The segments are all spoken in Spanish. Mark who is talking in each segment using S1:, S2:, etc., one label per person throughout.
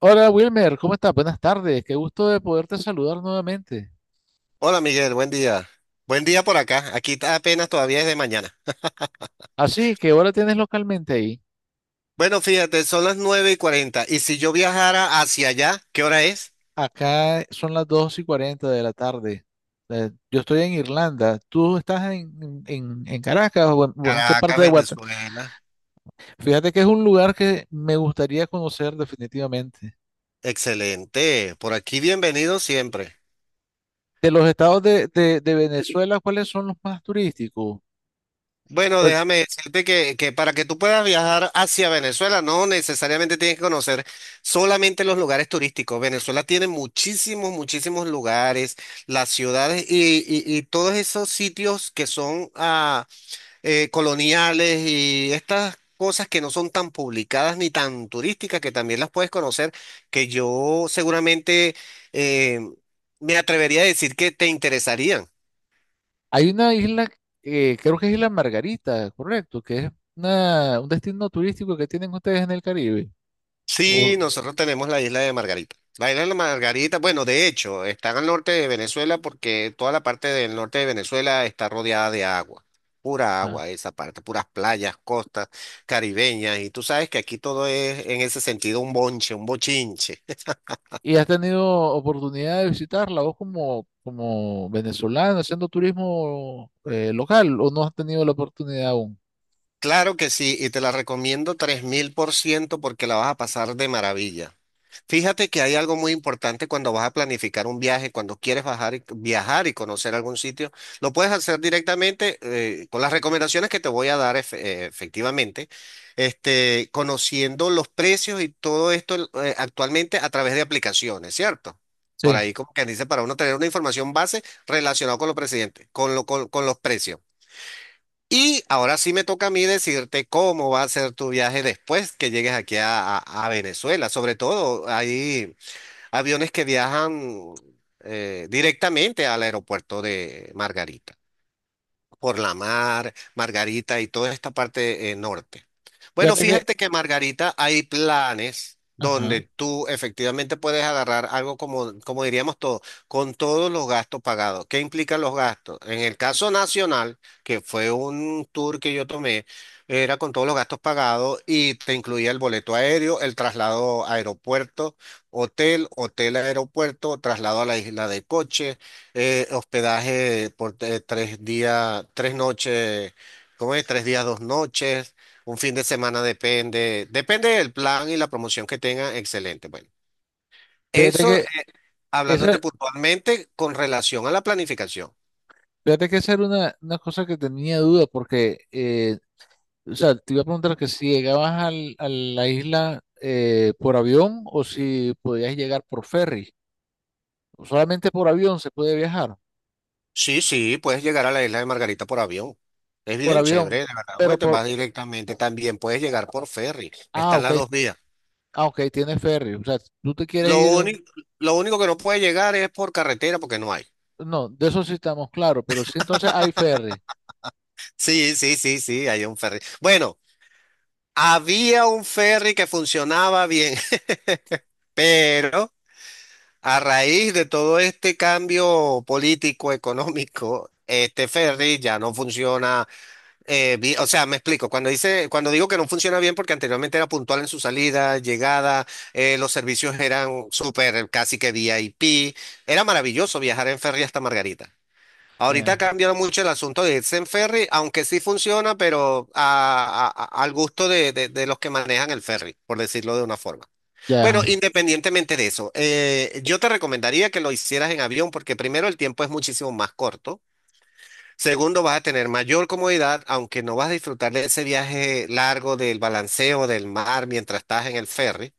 S1: Hola Wilmer, ¿cómo estás? Buenas tardes, qué gusto de poderte saludar nuevamente.
S2: Hola Miguel, buen día. Buen día por acá. Aquí apenas todavía es de mañana.
S1: Así, ¿qué hora tienes localmente ahí?
S2: Bueno, fíjate, son las 9:40. Y si yo viajara hacia allá, ¿qué hora es?
S1: Acá son las 2 y 40 de la tarde. Yo estoy en Irlanda, ¿tú estás en Caracas o en qué parte
S2: Caracas,
S1: de Guatemala?
S2: Venezuela.
S1: Fíjate que es un lugar que me gustaría conocer definitivamente.
S2: Excelente. Por aquí bienvenido siempre.
S1: De los estados de Venezuela, ¿cuáles son los más turísticos?
S2: Bueno,
S1: Porque
S2: déjame decirte que para que tú puedas viajar hacia Venezuela, no necesariamente tienes que conocer solamente los lugares turísticos. Venezuela tiene muchísimos, muchísimos lugares, las ciudades y todos esos sitios que son coloniales y estas cosas que no son tan publicadas ni tan turísticas, que también las puedes conocer, que yo seguramente eh, me atrevería a decir que te interesarían.
S1: hay una isla, creo que es Isla Margarita, correcto, que es un destino turístico que tienen ustedes en el Caribe.
S2: Sí,
S1: O-
S2: nosotros tenemos la isla de Margarita. La isla de la Margarita, bueno, de hecho, está al norte de Venezuela porque toda la parte del norte de Venezuela está rodeada de agua, pura
S1: ah.
S2: agua esa parte, puras playas, costas caribeñas, y tú sabes que aquí todo es en ese sentido un bonche, un bochinche.
S1: ¿Y has tenido oportunidad de visitarla vos como venezolano haciendo turismo local o no has tenido la oportunidad aún?
S2: Claro que sí, y te la recomiendo 3.000% porque la vas a pasar de maravilla. Fíjate que hay algo muy importante cuando vas a planificar un viaje, cuando quieres viajar y conocer algún sitio, lo puedes hacer directamente con las recomendaciones que te voy a dar efectivamente, conociendo los precios y todo esto actualmente a través de aplicaciones, ¿cierto? Por
S1: Sí,
S2: ahí como que dice para uno tener una información base relacionada con los presidentes, con lo, con los precios. Y ahora sí me toca a mí decirte cómo va a ser tu viaje después que llegues aquí a Venezuela. Sobre todo, hay aviones que viajan directamente al aeropuerto de Margarita por la mar, Margarita y toda esta parte norte. Bueno,
S1: fíjate que,
S2: fíjate que Margarita hay planes
S1: ajá,
S2: donde tú efectivamente puedes agarrar algo como diríamos todo, con todos los gastos pagados. ¿Qué implican los gastos? En el caso nacional, que fue un tour que yo tomé, era con todos los gastos pagados y te incluía el boleto aéreo, el traslado a aeropuerto, hotel, hotel a aeropuerto, traslado a la isla de coche hospedaje por 3 días, 3 noches, ¿cómo es? 3 días, 2 noches, un fin de semana, depende, depende del plan y la promoción que tengan, excelente. Bueno,
S1: fíjate
S2: eso
S1: que
S2: hablándote
S1: esa,
S2: puntualmente con relación a la planificación.
S1: fíjate que esa era una cosa que tenía duda porque, o sea, te iba a preguntar que si llegabas a la isla por avión o si podías llegar por ferry. Solamente por avión se puede viajar,
S2: Sí, sí, puedes llegar a la isla de Margarita por avión. Es
S1: por
S2: bien chévere,
S1: avión,
S2: de verdad, porque
S1: pero
S2: te
S1: por,
S2: vas directamente. También puedes llegar por ferry.
S1: ah,
S2: Están
S1: ok.
S2: las dos vías.
S1: Ah, ok, tiene ferry. O sea, tú te quieres
S2: Lo
S1: ir.
S2: único, lo único que no puede llegar es por carretera porque no hay.
S1: No, de eso sí estamos claros, pero sí, entonces hay ferry.
S2: Sí, sí, sí, sí, hay un ferry. Bueno, había un ferry que funcionaba bien, pero a raíz de todo este cambio político, económico, este ferry ya no funciona. O sea, me explico. Cuando dice, cuando digo que no funciona bien, porque anteriormente era puntual en su salida, llegada, los servicios eran súper, casi que VIP. Era maravilloso viajar en ferry hasta Margarita. Ahorita
S1: Ya,
S2: cambió mucho el asunto de irse en ferry, aunque sí funciona, pero al gusto de los que manejan el ferry, por decirlo de una forma. Bueno,
S1: ya.
S2: independientemente de eso, yo te recomendaría que lo hicieras en avión porque primero el tiempo es muchísimo más corto. Segundo, vas a tener mayor comodidad, aunque no vas a disfrutar de ese viaje largo del balanceo del mar mientras estás en el ferry.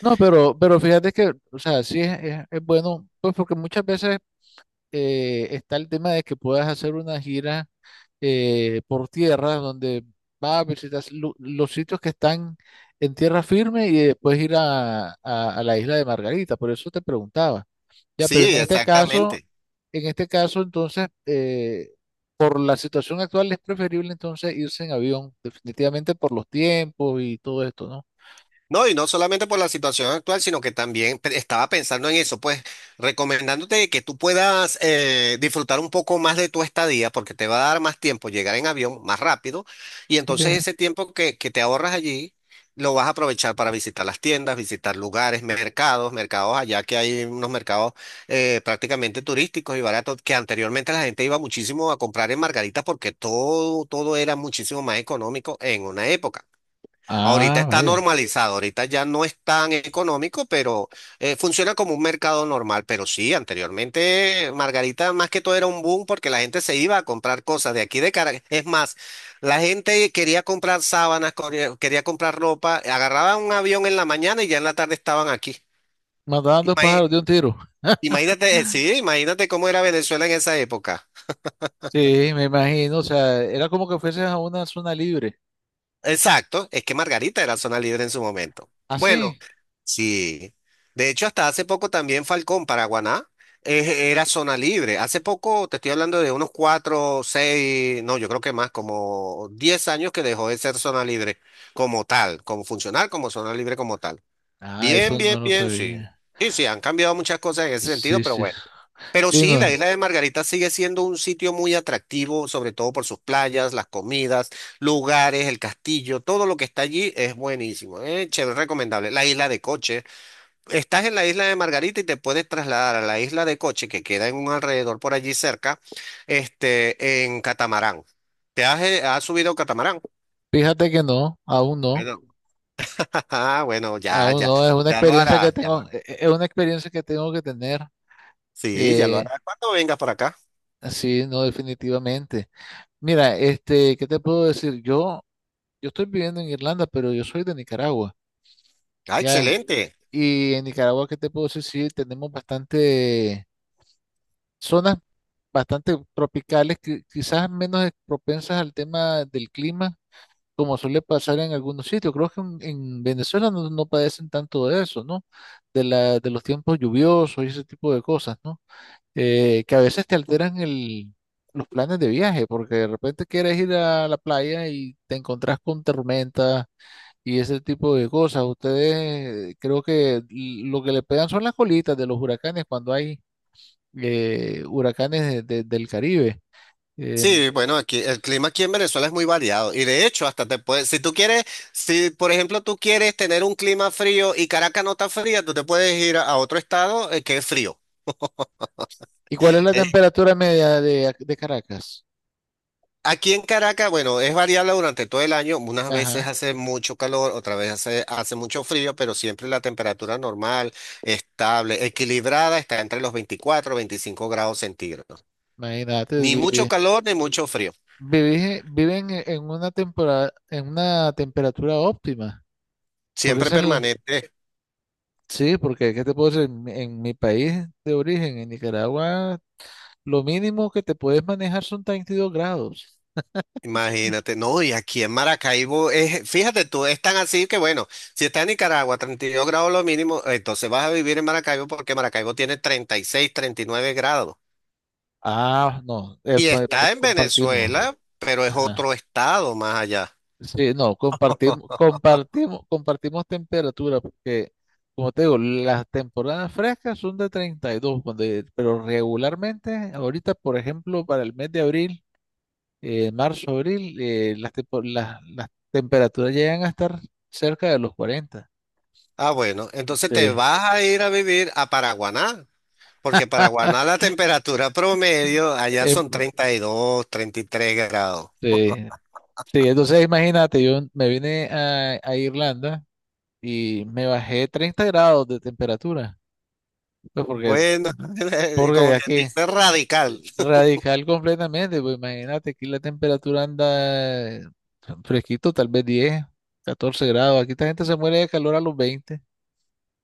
S1: No, pero fíjate que, o sea, sí es bueno, pues porque muchas veces está el tema de que puedas hacer una gira por tierra donde vas a visitar los sitios que están en tierra firme y después ir a la isla de Margarita. Por eso te preguntaba. Ya, pero en
S2: Sí,
S1: este caso,
S2: exactamente.
S1: en este caso, entonces, por la situación actual es preferible entonces irse en avión, definitivamente por los tiempos y todo esto, ¿no?
S2: No, y no solamente por la situación actual, sino que también estaba pensando en eso, pues recomendándote que tú puedas disfrutar un poco más de tu estadía, porque te va a dar más tiempo llegar en avión más rápido, y
S1: Sí.
S2: entonces ese tiempo que te ahorras allí lo vas a aprovechar para visitar las tiendas, visitar lugares, mercados, mercados allá que hay unos mercados prácticamente turísticos y baratos, que anteriormente la gente iba muchísimo a comprar en Margarita porque todo, todo era muchísimo más económico en una época. Ahorita
S1: Ah,
S2: está
S1: vaya.
S2: normalizado, ahorita ya no es tan económico, pero funciona como un mercado normal. Pero sí, anteriormente Margarita más que todo era un boom porque la gente se iba a comprar cosas de aquí de Caracas. Es más, la gente quería comprar sábanas, corría- quería comprar ropa, agarraban un avión en la mañana y ya en la tarde estaban aquí.
S1: Mandaban dos
S2: Imagi-
S1: pájaros de un tiro.
S2: Imagínate, sí, imagínate cómo era Venezuela en esa época.
S1: Sí, me imagino, o sea, era como que fueses a una zona libre.
S2: Exacto, es que Margarita era zona libre en su momento.
S1: ¿Ah,
S2: Bueno,
S1: sí?
S2: sí. De hecho, hasta hace poco también Falcón, Paraguaná, era zona libre. Hace poco, te estoy hablando de unos cuatro, seis, no, yo creo que más, como 10 años que dejó de ser zona libre como tal, como funcional, como zona libre como tal.
S1: Ah,
S2: Bien,
S1: eso
S2: bien,
S1: no lo
S2: bien, sí.
S1: sabía.
S2: Sí, sí, han cambiado muchas cosas en ese sentido,
S1: Sí,
S2: pero
S1: sí.
S2: bueno. Pero
S1: Sí,
S2: sí,
S1: no.
S2: la isla de Margarita sigue siendo un sitio muy atractivo, sobre todo por sus playas, las comidas, lugares, el castillo, todo lo que está allí es buenísimo, chévere, recomendable. La isla de Coche. Estás en la isla de Margarita y te puedes trasladar a la isla de Coche, que queda en un alrededor por allí cerca, en catamarán. Has subido catamarán?
S1: Fíjate que no, aún no.
S2: Bueno. Ah, bueno, ya,
S1: Aún
S2: ya.
S1: no, es una
S2: Ya lo
S1: experiencia que
S2: harás, ya lo
S1: tengo,
S2: harás.
S1: es una experiencia que tengo que tener.
S2: Sí, ya lo
S1: eh,
S2: harás cuando vengas por acá.
S1: Sí, no, definitivamente. Mira, este, ¿qué te puedo decir? Yo estoy viviendo en Irlanda, pero yo soy de Nicaragua,
S2: Ah,
S1: ya.
S2: excelente.
S1: Y en Nicaragua, ¿qué te puedo decir? Sí, tenemos bastante zonas bastante tropicales, que quizás menos propensas al tema del clima, como suele pasar en algunos sitios. Creo que en Venezuela no padecen tanto de eso, ¿no? De los tiempos lluviosos y ese tipo de cosas, ¿no? Que a veces te alteran los planes de viaje, porque de repente quieres ir a la playa y te encontrás con tormentas y ese tipo de cosas. Ustedes creo que lo que le pegan son las colitas de los huracanes cuando hay huracanes del Caribe. Eh,
S2: Sí, bueno, aquí el clima aquí en Venezuela es muy variado y de hecho hasta te puedes, si por ejemplo tú quieres tener un clima frío y Caracas no está fría, tú te puedes ir a otro estado que es frío.
S1: ¿Y cuál es la
S2: Eh,
S1: temperatura media de Caracas?
S2: Aquí en Caracas, bueno, es variable durante todo el año, unas veces
S1: Ajá,
S2: hace mucho calor, otras veces hace mucho frío, pero siempre la temperatura normal, estable, equilibrada, está entre los 24 y 25 grados centígrados.
S1: imagínate,
S2: Ni mucho
S1: vivir.
S2: calor ni mucho frío,
S1: Viven en una temporada, en una temperatura óptima, porque
S2: siempre
S1: esa es la.
S2: permanente.
S1: Sí, porque ¿qué te puedo decir? En mi país de origen, en Nicaragua, lo mínimo que te puedes manejar son 32 grados.
S2: Imagínate, no, y aquí en Maracaibo es, fíjate tú, es tan así que bueno, si está en Nicaragua, 32 grados lo mínimo, entonces vas a vivir en Maracaibo porque Maracaibo tiene 30, 36, 39 grados.
S1: Ah, no,
S2: Y está en
S1: compartimos.
S2: Venezuela, pero es
S1: Ajá.
S2: otro estado más allá.
S1: Sí, no, compartimos temperatura, porque, como te digo, las temporadas frescas son de 32, pero regularmente, ahorita, por ejemplo, para el mes de abril, marzo, abril, las, tempo- las temperaturas llegan a estar cerca de los 40.
S2: Ah, bueno, entonces te
S1: Sí.
S2: vas a ir a vivir a Paraguaná, porque Paraguaná la temperatura promedio allá
S1: Em,
S2: son 30, 32, 33 grados.
S1: Sí, sí, entonces imagínate, yo me vine a Irlanda y me bajé 30 grados de temperatura, pues porque,
S2: Bueno,
S1: porque
S2: como que
S1: aquí
S2: dice radical.
S1: radical completamente, pues imagínate, aquí la temperatura anda fresquito, tal vez 10, 14 grados, aquí esta gente se muere de calor a los 20.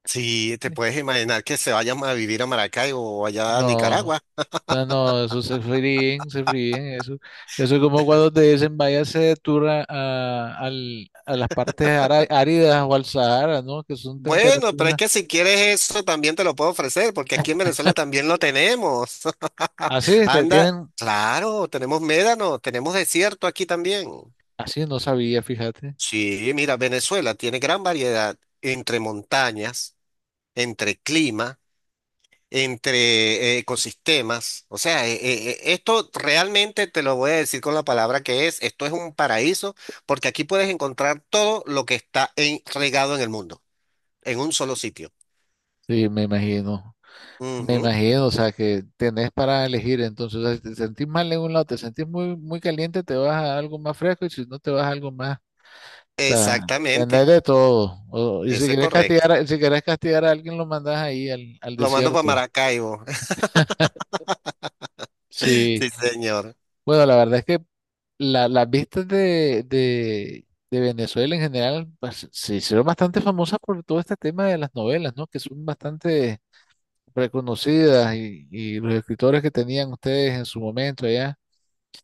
S2: Si te puedes imaginar que se vayan a vivir a Maracaibo o allá a
S1: No,
S2: Nicaragua.
S1: no, no, eso se fríen, eso es como cuando te dicen váyase de tour a las partes áridas o al Sahara, ¿no? Que son
S2: Bueno, pero es
S1: temperaturas.
S2: que si quieres eso también te lo puedo ofrecer, porque aquí en Venezuela también lo tenemos.
S1: Así es, te
S2: Anda,
S1: tienen,
S2: claro, tenemos médano, tenemos desierto aquí también.
S1: así no sabía, fíjate.
S2: Sí, mira, Venezuela tiene gran variedad entre montañas, entre clima, entre ecosistemas. O sea, esto realmente te lo voy a decir con la palabra que es, esto es un paraíso porque aquí puedes encontrar todo lo que está regado en el mundo, en un solo sitio.
S1: Sí, me imagino. Me
S2: Ujú.
S1: imagino, o sea, que tenés para elegir. Entonces, o sea, si te sentís mal en un lado, te sentís muy, muy caliente, te vas a algo más fresco y si no, te vas a algo más. O sea,
S2: Exactamente,
S1: tenés de todo. Y si
S2: eso es
S1: querés
S2: correcto.
S1: castigar, si querés castigar a alguien, lo mandás ahí al
S2: Lo mando para
S1: desierto.
S2: Maracaibo.
S1: Sí,
S2: Sí, señor.
S1: bueno, la verdad es que las vistas de Venezuela en general pues, se hicieron bastante famosas por todo este tema de las novelas, ¿no? Que son bastante reconocidas y los escritores que tenían ustedes en su momento allá.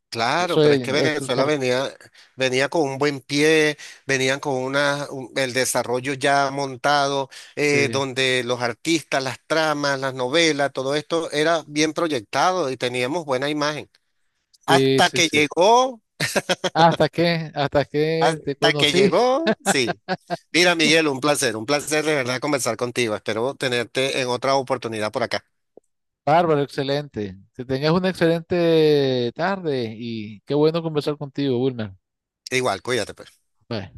S2: Claro,
S1: Eso
S2: pero es que
S1: es
S2: Venezuela
S1: por-
S2: venía, venía con un buen pie, venían con una, el desarrollo ya montado,
S1: Sí,
S2: donde los artistas, las tramas, las novelas, todo esto era bien proyectado y teníamos buena imagen.
S1: sí,
S2: Hasta
S1: sí,
S2: que
S1: sí.
S2: llegó,
S1: Hasta que te
S2: hasta que
S1: conocí.
S2: llegó, sí. Mira, Miguel, un placer de verdad conversar contigo. Espero tenerte en otra oportunidad por acá.
S1: Bárbaro, excelente. Que tengas una excelente tarde y qué bueno conversar contigo, Wilmer.
S2: Igual, cuídate, pues.
S1: Bye.